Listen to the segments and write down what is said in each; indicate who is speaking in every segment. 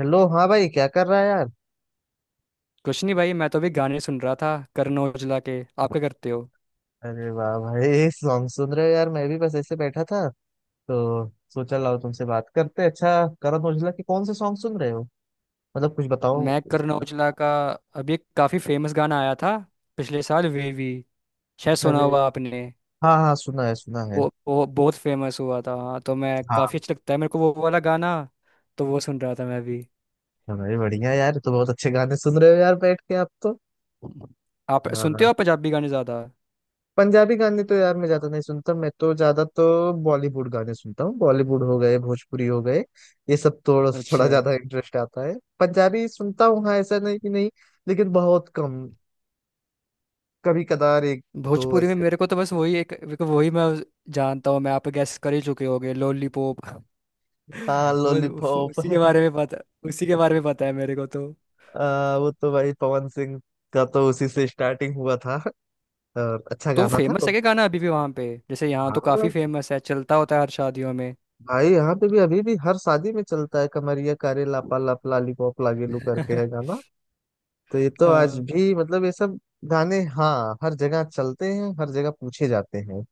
Speaker 1: Hello हाँ भाई क्या कर रहा है यार।
Speaker 2: कुछ नहीं भाई, मैं तो अभी गाने सुन रहा था करण औजला के। आप क्या करते हो?
Speaker 1: अरे वाह भाई सॉन्ग सुन रहे हो यार मैं भी बस ऐसे बैठा था तो सोचा लाओ तुमसे बात करते। अच्छा। करण औजला के कौन से सॉन्ग सुन रहे हो मतलब कुछ बताओ।
Speaker 2: मैं
Speaker 1: उस
Speaker 2: करण
Speaker 1: पर।
Speaker 2: औजला का अभी एक काफ़ी फेमस गाना आया था पिछले साल, वेवी, शायद
Speaker 1: अच्छा
Speaker 2: सुना
Speaker 1: भाई।
Speaker 2: हुआ आपने?
Speaker 1: हाँ हाँ सुना है सुना है।
Speaker 2: वो बहुत फेमस हुआ था। हाँ, तो मैं
Speaker 1: हाँ।
Speaker 2: काफ़ी अच्छा लगता है मेरे को वो वाला गाना। तो वो सुन रहा था मैं भी।
Speaker 1: हाँ भाई बढ़िया यार तो बहुत अच्छे गाने सुन रहे हो यार बैठ के आप तो।
Speaker 2: आप सुनते
Speaker 1: हाँ।
Speaker 2: हो आप पंजाबी गाने ज़्यादा?
Speaker 1: पंजाबी गाने तो यार मैं ज्यादा नहीं सुनता मैं तो ज्यादा तो बॉलीवुड गाने सुनता हूँ। बॉलीवुड हो गए भोजपुरी हो गए ये सब तो थोड़ा थोड़ा
Speaker 2: अच्छा।
Speaker 1: ज्यादा इंटरेस्ट आता है। पंजाबी सुनता हूँ हाँ ऐसा नहीं कि नहीं। लेकिन बहुत कम। कभी कदार एक दो
Speaker 2: भोजपुरी में
Speaker 1: ऐसे।
Speaker 2: मेरे को तो बस वही एक, मेरे को वही मैं जानता हूँ मैं आप गैस कर ही चुके होगे, लॉलीपॉप।
Speaker 1: हाँ
Speaker 2: बस।
Speaker 1: लॉलीपॉप।
Speaker 2: उसी के बारे में पता उसी के बारे में पता है मेरे को तो।
Speaker 1: वो तो भाई पवन सिंह का तो उसी से स्टार्टिंग हुआ था और अच्छा
Speaker 2: तो
Speaker 1: गाना था
Speaker 2: फेमस
Speaker 1: वो।
Speaker 2: है क्या गाना अभी भी वहां पे? जैसे यहाँ
Speaker 1: हाँ
Speaker 2: तो
Speaker 1: भाई।
Speaker 2: काफी फेमस है, चलता होता है हर शादियों में।
Speaker 1: भाई यहाँ पे भी अभी भी हर शादी में चलता है कमरिया कारे लापा लाप लालीपॉप लागेलू करके है गाना। तो ये तो आज
Speaker 2: हाँ
Speaker 1: भी मतलब ये सब गाने हाँ हर जगह चलते हैं हर जगह पूछे जाते हैं।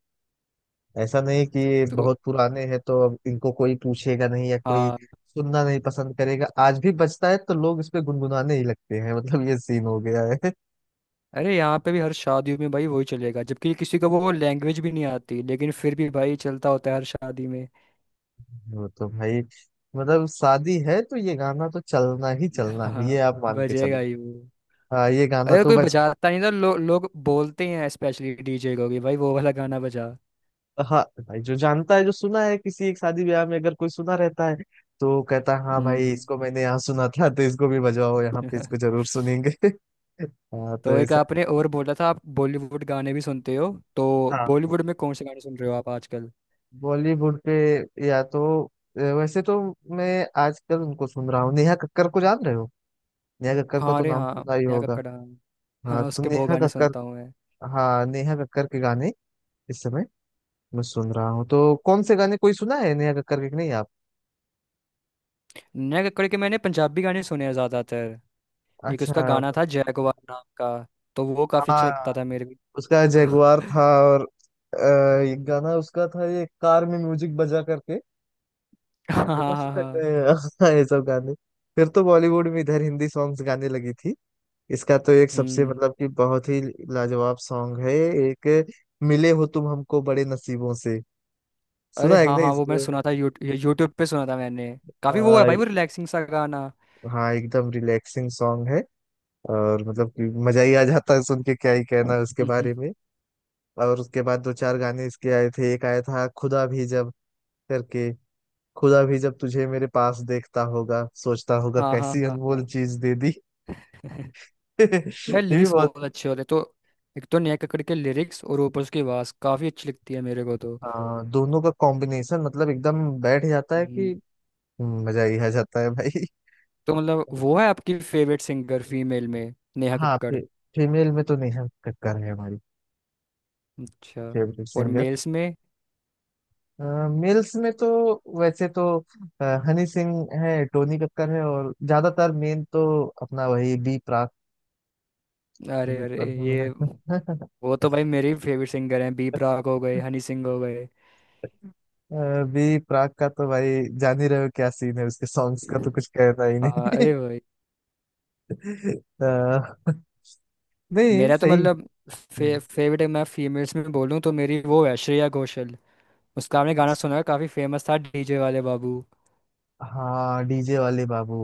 Speaker 1: ऐसा नहीं कि ये
Speaker 2: तो।
Speaker 1: बहुत पुराने हैं तो अब इनको कोई पूछेगा नहीं या कोई
Speaker 2: हाँ।
Speaker 1: सुनना नहीं पसंद करेगा। आज भी बजता है तो लोग इस पे गुनगुनाने ही लगते हैं मतलब ये सीन हो गया है।
Speaker 2: अरे यहाँ पे भी हर शादियों में भाई वही चलेगा, जबकि किसी को वो लैंग्वेज भी नहीं आती, लेकिन फिर भी भाई चलता होता है हर शादी में।
Speaker 1: वो तो भाई मतलब शादी है तो ये गाना तो चलना ही चलना है ये
Speaker 2: हाँ,
Speaker 1: आप मान के चलो।
Speaker 2: बजेगा ही वो।
Speaker 1: हाँ ये गाना
Speaker 2: अरे,
Speaker 1: तो
Speaker 2: कोई
Speaker 1: बज।
Speaker 2: बजाता नहीं तो लोग बोलते हैं स्पेशली डीजे को कि भाई वो वाला गाना बजा।
Speaker 1: हाँ भाई जो जानता है जो सुना है किसी एक शादी ब्याह में अगर कोई सुना रहता है तो कहता है हाँ भाई
Speaker 2: हम्म।
Speaker 1: इसको मैंने यहाँ सुना था तो इसको भी बजवाओ यहाँ पे इसको जरूर सुनेंगे। हाँ तो
Speaker 2: तो एक
Speaker 1: ऐसा।
Speaker 2: आपने और बोला था, आप बॉलीवुड गाने भी सुनते हो। तो
Speaker 1: हाँ।
Speaker 2: बॉलीवुड में कौन से गाने सुन रहे हो आप आजकल?
Speaker 1: बॉलीवुड पे या तो वैसे तो मैं आजकल उनको सुन रहा हूँ नेहा कक्कर को जान रहे हो। नेहा कक्कर का
Speaker 2: हाँ,
Speaker 1: तो
Speaker 2: अरे
Speaker 1: नाम
Speaker 2: हाँ।
Speaker 1: सुना ही
Speaker 2: नेहा
Speaker 1: होगा।
Speaker 2: कक्कड़, हाँ।
Speaker 1: हाँ
Speaker 2: हाँ,
Speaker 1: तो
Speaker 2: उसके बहुत
Speaker 1: नेहा
Speaker 2: गाने
Speaker 1: कक्कर।
Speaker 2: सुनता हूँ मैं।
Speaker 1: हाँ नेहा कक्कर के गाने इस समय मैं सुन रहा हूँ तो कौन से गाने कोई सुना है नेहा कक्कर के कि नहीं आप।
Speaker 2: नेहा कक्कड़ के मैंने पंजाबी गाने सुने हैं ज़्यादातर। एक उसका
Speaker 1: अच्छा।
Speaker 2: गाना था जैगवार नाम का। तो वो काफ़ी अच्छा लगता
Speaker 1: हाँ
Speaker 2: था मेरे
Speaker 1: उसका
Speaker 2: को।
Speaker 1: जगुआर था। और एक गाना उसका था ये कार में म्यूजिक बजा करके
Speaker 2: हाँ,
Speaker 1: ऐसा
Speaker 2: हाँ, हाँ,
Speaker 1: सुना
Speaker 2: हाँ।
Speaker 1: है। ये सब गाने फिर तो बॉलीवुड में इधर हिंदी सॉन्ग्स गाने लगी थी। इसका तो एक सबसे
Speaker 2: हम्म।
Speaker 1: मतलब कि बहुत ही लाजवाब सॉन्ग है एक। मिले हो तुम हमको बड़े नसीबों से।
Speaker 2: अरे
Speaker 1: सुना है
Speaker 2: हाँ,
Speaker 1: ना
Speaker 2: हाँ, वो मैंने
Speaker 1: इसको।
Speaker 2: सुना था, यूट्यूब पे सुना था मैंने। काफ़ी वो है
Speaker 1: आ,
Speaker 2: भाई, वो रिलैक्सिंग सा गाना।
Speaker 1: हाँ एकदम रिलैक्सिंग सॉन्ग है और मतलब कि मजा ही आ जाता है सुन के। क्या ही कहना है उसके
Speaker 2: हम्म।
Speaker 1: बारे में। और उसके बाद दो चार गाने इसके आए थे। एक आया था खुदा भी जब करके। खुदा भी जब तुझे मेरे पास देखता होगा सोचता होगा
Speaker 2: हाँ, हाँ,
Speaker 1: कैसी
Speaker 2: हाँ, हाँ।
Speaker 1: अनमोल चीज दे दी।
Speaker 2: भाई
Speaker 1: ये भी
Speaker 2: लिरिक्स
Speaker 1: बहुत।
Speaker 2: बहुत अच्छे होते तो। एक तो नेहा कक्कड़ के लिरिक्स, और ऊपर उसकी आवाज़ काफ़ी अच्छी लगती है मेरे को तो।
Speaker 1: हाँ दोनों का कॉम्बिनेशन मतलब एकदम बैठ जाता है
Speaker 2: हम्म।
Speaker 1: कि मजा ही आ जाता है भाई।
Speaker 2: तो मतलब वो है आपकी फेवरेट सिंगर फीमेल में, नेहा
Speaker 1: हाँ
Speaker 2: कक्कड़।
Speaker 1: फीमेल में तो नेहा कक्कड़ है हमारी
Speaker 2: अच्छा।
Speaker 1: फेवरेट
Speaker 2: और
Speaker 1: सिंगर।
Speaker 2: मेल्स में?
Speaker 1: मेल्स में तो वैसे तो हनी सिंह है टोनी कक्कड़ है और ज्यादातर मेन तो अपना वही बी प्राक।
Speaker 2: अरे,
Speaker 1: बी
Speaker 2: अरे, ये
Speaker 1: प्राक।
Speaker 2: वो तो भाई मेरे फेवरेट सिंगर हैं, बी प्राक हो गए, हनी सिंह हो गए।
Speaker 1: अभी प्राग का तो भाई जान ही रहे हो क्या सीन है उसके सॉन्ग्स का तो कुछ कहना ही
Speaker 2: हाँ,
Speaker 1: नहीं।
Speaker 2: अरे भाई।
Speaker 1: अ, नहीं
Speaker 2: मेरा तो
Speaker 1: सही।
Speaker 2: मतलब
Speaker 1: हम्म।
Speaker 2: फेवरेट, मैं फीमेल्स में बोलूँ तो मेरी वो है श्रेया घोषाल। उसका आपने गाना सुना है? काफ़ी फेमस था, डीजे वाले बाबू।
Speaker 1: हाँ डीजे वाले बाबू।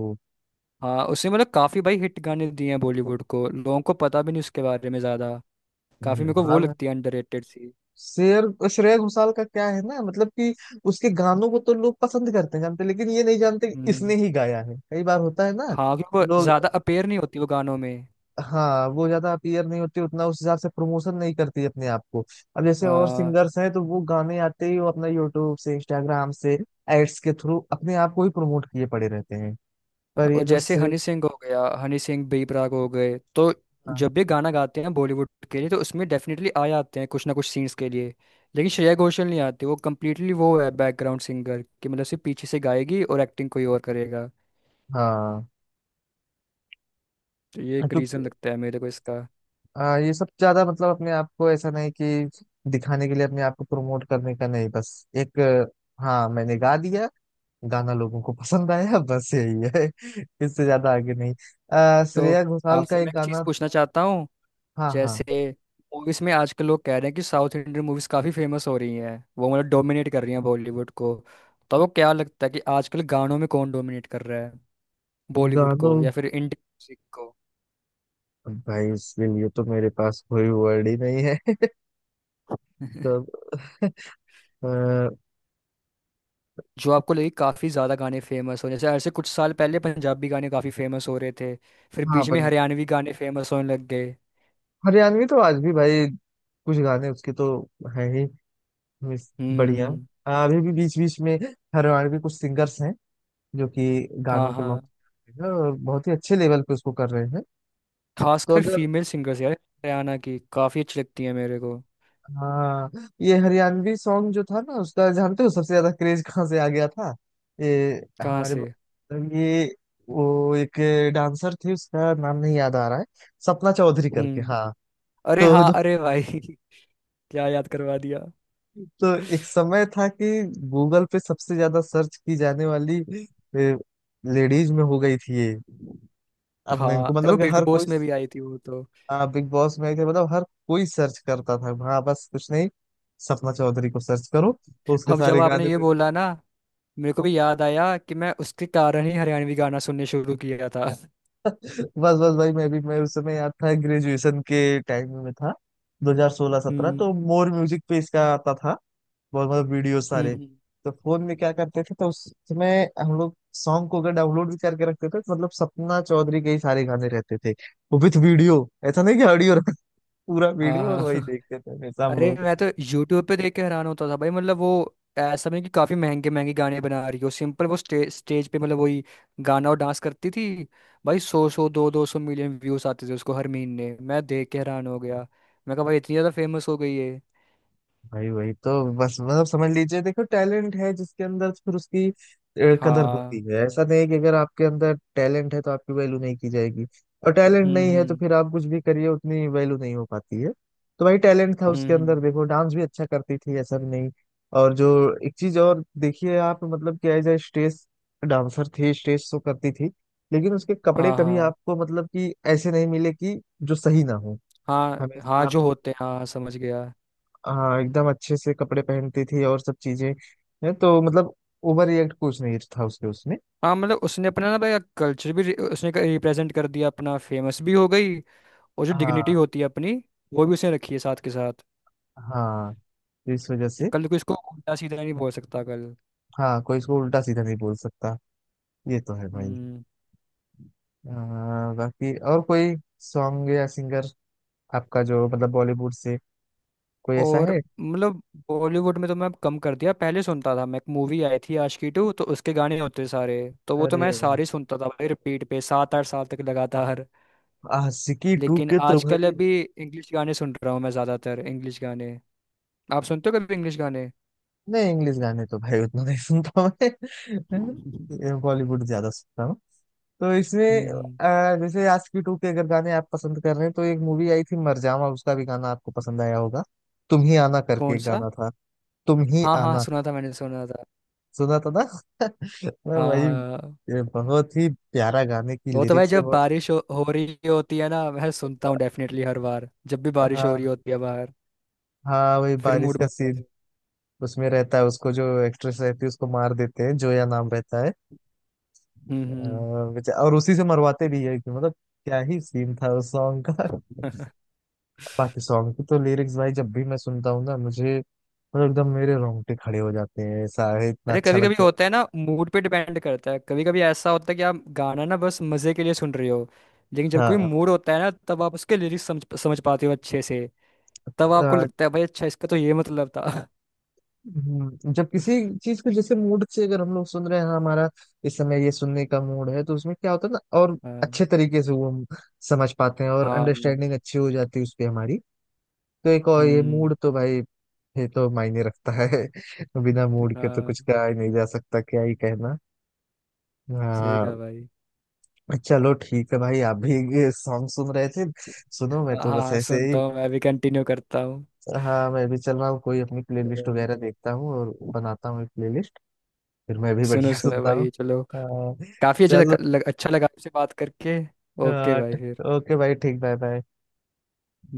Speaker 2: हाँ, उसने मतलब काफ़ी भाई हिट गाने दिए हैं बॉलीवुड को, लोगों को पता भी नहीं उसके बारे में ज़्यादा। काफ़ी मेरे
Speaker 1: हम्म।
Speaker 2: को वो
Speaker 1: हाँ भाई।
Speaker 2: लगती है अंडररेटेड सी।
Speaker 1: शेर श्रेया घोषाल का क्या है ना मतलब कि उसके गानों को तो लोग पसंद करते हैं जानते हैं, लेकिन ये नहीं जानते कि इसने
Speaker 2: हम्म।
Speaker 1: ही गाया है। कई बार होता है ना।
Speaker 2: हाँ, क्योंकि वो
Speaker 1: लोग
Speaker 2: ज़्यादा अपेयर नहीं होती वो गानों में।
Speaker 1: हाँ वो ज्यादा अपीयर नहीं होती उतना उस हिसाब से प्रमोशन नहीं करती अपने आप को। अब जैसे और
Speaker 2: हाँ।
Speaker 1: सिंगर्स हैं तो वो गाने आते ही वो अपना यूट्यूब से इंस्टाग्राम से एड्स के थ्रू अपने आप को ही प्रमोट किए पड़े रहते हैं। पर
Speaker 2: और
Speaker 1: ये जो
Speaker 2: जैसे
Speaker 1: सिर्फ।
Speaker 2: हनी सिंह हो गया, हनी सिंह, बी प्राक हो गए तो
Speaker 1: हाँ
Speaker 2: जब भी गाना गाते हैं बॉलीवुड के लिए, तो उसमें डेफिनेटली आ जाते हैं कुछ ना कुछ सीन्स के लिए। लेकिन श्रेया घोषाल नहीं आती, वो कम्प्लीटली वो है बैकग्राउंड सिंगर, कि मतलब सिर्फ पीछे से गाएगी और एक्टिंग कोई और करेगा।
Speaker 1: हाँ,
Speaker 2: तो ये
Speaker 1: हाँ,
Speaker 2: एक रीज़न
Speaker 1: क्योंकि
Speaker 2: लगता है मेरे को इसका।
Speaker 1: हाँ, ये सब ज्यादा मतलब अपने आप को ऐसा नहीं कि दिखाने के लिए अपने आप को प्रमोट करने का नहीं बस एक हाँ मैंने गा दिया गाना लोगों को पसंद आया बस यही है। इससे ज्यादा आगे नहीं।
Speaker 2: तो
Speaker 1: श्रेया घोषाल का
Speaker 2: आपसे मैं
Speaker 1: एक
Speaker 2: एक चीज़
Speaker 1: गाना।
Speaker 2: पूछना चाहता हूँ।
Speaker 1: हाँ हाँ।
Speaker 2: जैसे मूवीज़ में आजकल लोग कह रहे हैं कि साउथ इंडियन मूवीज़ काफ़ी फेमस हो रही हैं, वो मतलब डोमिनेट कर रही हैं बॉलीवुड को। तो आपको क्या लगता है कि आजकल गानों में कौन डोमिनेट कर रहा है बॉलीवुड को,
Speaker 1: गानों
Speaker 2: या फिर इंडियन म्यूजिक को?
Speaker 1: अब भाई उसके लिए तो मेरे पास कोई वर्ड ही नहीं है। तो अब, अ,
Speaker 2: जो आपको लगे काफ़ी ज़्यादा गाने फेमस हो, जैसे ऐसे कुछ साल पहले पंजाबी गाने काफ़ी फेमस हो रहे थे। फिर
Speaker 1: हाँ
Speaker 2: बीच में
Speaker 1: पर
Speaker 2: हरियाणवी गाने फेमस होने लग गए।
Speaker 1: हरियाणवी तो आज भी भाई कुछ गाने उसके तो है ही। बढ़िया।
Speaker 2: हम्म।
Speaker 1: अभी भी बीच बीच में हरियाणवी कुछ सिंगर्स हैं जो कि
Speaker 2: हाँ,
Speaker 1: गानों को
Speaker 2: हाँ।
Speaker 1: लॉन्च कर रहे हैं और बहुत ही अच्छे लेवल पे उसको कर रहे हैं। तो
Speaker 2: खासकर
Speaker 1: अगर
Speaker 2: फीमेल सिंगर्स यार हरियाणा की काफ़ी अच्छी लगती है मेरे को।
Speaker 1: हाँ ये हरियाणवी सॉन्ग जो था ना उसका जानते हो सबसे ज्यादा क्रेज कहाँ से आ गया था। ये
Speaker 2: कहाँ
Speaker 1: हमारे
Speaker 2: से?
Speaker 1: ये वो एक डांसर थे उसका नाम नहीं याद आ रहा है सपना चौधरी करके
Speaker 2: हम्म।
Speaker 1: हाँ।
Speaker 2: अरे
Speaker 1: तो
Speaker 2: हाँ,
Speaker 1: जो
Speaker 2: अरे भाई। क्या याद करवा दिया!
Speaker 1: तो एक समय था कि गूगल पे सबसे ज्यादा सर्च की जाने वाली लेडीज में हो गई थी ये अपने
Speaker 2: हाँ,
Speaker 1: इनको
Speaker 2: अरे, वो
Speaker 1: मतलब कि
Speaker 2: बिग
Speaker 1: हर कोई।
Speaker 2: बॉस में भी आई थी वो तो।
Speaker 1: बिग बॉस में के मतलब हर कोई सर्च करता था हाँ बस कुछ नहीं। सपना चौधरी को सर्च करो तो उसके
Speaker 2: अब जब
Speaker 1: सारे
Speaker 2: आपने
Speaker 1: गाने।
Speaker 2: ये बोला ना, मेरे को भी याद आया कि मैं उसके कारण ही हरियाणवी गाना सुनने शुरू किया था।
Speaker 1: बस बस भाई मैं उस समय याद था ग्रेजुएशन के टाइम में मैं था 2016-17
Speaker 2: हम्म।
Speaker 1: तो मोर म्यूजिक पे इसका आता था बहुत मतलब वीडियो सारे।
Speaker 2: हम्म।
Speaker 1: तो फोन में क्या करते थे तो उस समय हम लोग सॉन्ग को अगर डाउनलोड भी करके रखते थे तो मतलब सपना चौधरी के ही सारे गाने रहते थे। वो विथ वीडियो ऐसा नहीं कि ऑडियो पूरा
Speaker 2: हाँ,
Speaker 1: वीडियो और वही
Speaker 2: हाँ।
Speaker 1: देखते थे हमेशा हम
Speaker 2: अरे,
Speaker 1: लोग।
Speaker 2: मैं तो यूट्यूब पे देख के हैरान होता था भाई, मतलब वो ऐसा नहीं कि काफी महंगे महंगे गाने बना रही हो, सिंपल वो स्टेज पे मतलब वही गाना और डांस करती थी। भाई सौ सौ दो दो सौ मिलियन व्यूज आते थे उसको हर महीने, मैं देख के हैरान हो गया। मैं कहा भाई इतनी ज्यादा फेमस हो गई है।
Speaker 1: भाई वही तो बस मतलब समझ लीजिए देखो टैलेंट है जिसके अंदर फिर उसकी कदर होती
Speaker 2: हाँ।
Speaker 1: है। ऐसा नहीं कि अगर आपके अंदर टैलेंट है तो आपकी वैल्यू नहीं की जाएगी। और टैलेंट
Speaker 2: हम्म,
Speaker 1: नहीं है तो
Speaker 2: हम्म।
Speaker 1: फिर आप कुछ भी करिए उतनी वैल्यू नहीं हो पाती है। तो भाई टैलेंट था
Speaker 2: हम्म,
Speaker 1: उसके
Speaker 2: हम्म।
Speaker 1: अंदर देखो डांस भी अच्छा करती थी ऐसा भी नहीं। और जो एक चीज और देखिए आप मतलब कि एज ए स्टेज डांसर थी स्टेज शो करती थी लेकिन उसके कपड़े
Speaker 2: हाँ,
Speaker 1: कभी
Speaker 2: हाँ,
Speaker 1: आपको मतलब कि ऐसे नहीं मिले कि जो सही ना हो।
Speaker 2: हाँ, हाँ
Speaker 1: हमेशा
Speaker 2: जो होते हैं, हाँ, समझ गया।
Speaker 1: हाँ एकदम अच्छे से कपड़े पहनती थी और सब चीजें हैं तो मतलब ओवर रिएक्ट कुछ नहीं था उसके उसमें।
Speaker 2: हाँ, मतलब उसने अपना ना भाई कल्चर भी उसने रिप्रेजेंट कर दिया अपना, फेमस भी हो गई। और जो डिग्निटी
Speaker 1: हाँ
Speaker 2: होती है अपनी, वो भी उसने रखी है साथ के साथ।
Speaker 1: हाँ तो इस वजह
Speaker 2: कि
Speaker 1: से।
Speaker 2: कल को इसको उल्टा सीधा नहीं बोल सकता कल।
Speaker 1: हाँ कोई इसको उल्टा सीधा नहीं बोल सकता। ये तो है भाई।
Speaker 2: हम्म।
Speaker 1: बाकी और कोई सॉन्ग या सिंगर आपका जो मतलब बॉलीवुड से कोई ऐसा
Speaker 2: और
Speaker 1: है।
Speaker 2: मतलब, बॉलीवुड में तो मैं अब कम कर दिया, पहले सुनता था मैं। एक मूवी आई थी आशिकी टू, तो उसके गाने होते सारे, तो वो तो मैं
Speaker 1: अरे भाई
Speaker 2: सारे सुनता था भाई, रिपीट पे 7-8 साल तक लगातार।
Speaker 1: आशिकी टू
Speaker 2: लेकिन
Speaker 1: के तो
Speaker 2: आजकल
Speaker 1: भाई।
Speaker 2: अभी इंग्लिश गाने सुन रहा हूँ मैं ज्यादातर, इंग्लिश गाने आप सुनते हो कभी? इंग्लिश गाने?
Speaker 1: नहीं इंग्लिश गाने तो भाई उतना नहीं सुनता
Speaker 2: हम्म।
Speaker 1: मैं। बॉलीवुड ज्यादा सुनता हूँ। तो इसमें
Speaker 2: हम्म।
Speaker 1: जैसे आशिकी टू के अगर गाने आप पसंद कर रहे हैं तो एक मूवी आई थी मरजावा उसका भी गाना आपको पसंद आया होगा। तुम ही आना करके
Speaker 2: कौन
Speaker 1: एक
Speaker 2: सा?
Speaker 1: गाना था। तुम ही
Speaker 2: हाँ, हाँ,
Speaker 1: आना।
Speaker 2: सुना था मैंने, सुना था।
Speaker 1: सुना था ना। मैं
Speaker 2: हाँ,
Speaker 1: वही
Speaker 2: हाँ, हाँ।
Speaker 1: ये बहुत ही प्यारा गाने की
Speaker 2: वो तो भाई
Speaker 1: लिरिक्स है
Speaker 2: जब
Speaker 1: बहुत।
Speaker 2: बारिश हो रही होती है ना, मैं सुनता हूँ डेफिनेटली हर बार, जब भी बारिश हो
Speaker 1: हाँ।
Speaker 2: रही होती है बाहर।
Speaker 1: हाँ वही
Speaker 2: फिर
Speaker 1: बारिश
Speaker 2: मूड
Speaker 1: का
Speaker 2: बनता
Speaker 1: सीन
Speaker 2: है।
Speaker 1: उसमें रहता है उसको जो एक्ट्रेस रहती है उसको मार देते हैं जोया नाम रहता है। अ,
Speaker 2: हम्म।
Speaker 1: और उसी से मरवाते भी है कि मतलब क्या ही सीन था उस सॉन्ग का।
Speaker 2: हम्म।
Speaker 1: बाकी सॉन्ग की तो लिरिक्स भाई जब भी मैं सुनता हूँ ना मुझे मतलब एकदम मेरे रोंगटे खड़े हो जाते हैं ऐसा है इतना
Speaker 2: अरे,
Speaker 1: अच्छा
Speaker 2: कभी
Speaker 1: लग
Speaker 2: कभी
Speaker 1: जाता
Speaker 2: होता है ना, मूड पे डिपेंड करता है। कभी कभी ऐसा होता है कि आप गाना ना बस मजे के लिए सुन रहे हो। लेकिन
Speaker 1: है।
Speaker 2: जब कोई
Speaker 1: हाँ
Speaker 2: मूड होता है ना, तब आप उसके लिरिक्स समझ समझ पाते हो अच्छे से। तब आपको
Speaker 1: अ,
Speaker 2: लगता है भाई, अच्छा, इसका तो ये मतलब था।
Speaker 1: जब किसी चीज को जैसे मूड से अगर हम लोग सुन रहे हैं हाँ, हमारा इस समय ये सुनने का मूड है तो उसमें क्या होता है ना। और
Speaker 2: हाँ,
Speaker 1: अच्छे तरीके से वो हम समझ पाते हैं और
Speaker 2: हाँ।
Speaker 1: अंडरस्टैंडिंग अच्छी हो जाती है उस पर हमारी। तो एक और ये
Speaker 2: हम्म।
Speaker 1: मूड तो भाई ये तो मायने रखता है। बिना मूड के तो
Speaker 2: हाँ,
Speaker 1: कुछ कहा ही नहीं जा सकता क्या ही कहना।
Speaker 2: सही कहा
Speaker 1: हाँ।
Speaker 2: भाई।
Speaker 1: चलो ठीक है भाई आप भी सॉन्ग सुन रहे थे सुनो मैं
Speaker 2: हाँ,
Speaker 1: तो बस
Speaker 2: हाँ,
Speaker 1: ऐसे ही।
Speaker 2: सुनता हूँ मैं भी, कंटिन्यू करता हूँ।
Speaker 1: हाँ मैं भी चल रहा हूँ कोई अपनी प्लेलिस्ट
Speaker 2: हम्म।
Speaker 1: वगैरह देखता हूँ और बनाता हूँ एक प्लेलिस्ट। फिर मैं भी
Speaker 2: सुनो,
Speaker 1: बढ़िया
Speaker 2: सुनो
Speaker 1: सुनता हूँ।
Speaker 2: भाई, चलो।
Speaker 1: हाँ,
Speaker 2: काफी अच्छा लग,
Speaker 1: चलो
Speaker 2: लग, अच्छा लगा आपसे बात करके। ओके
Speaker 1: हाँ,
Speaker 2: भाई, फिर।
Speaker 1: ओके भाई ठीक बाय बाय।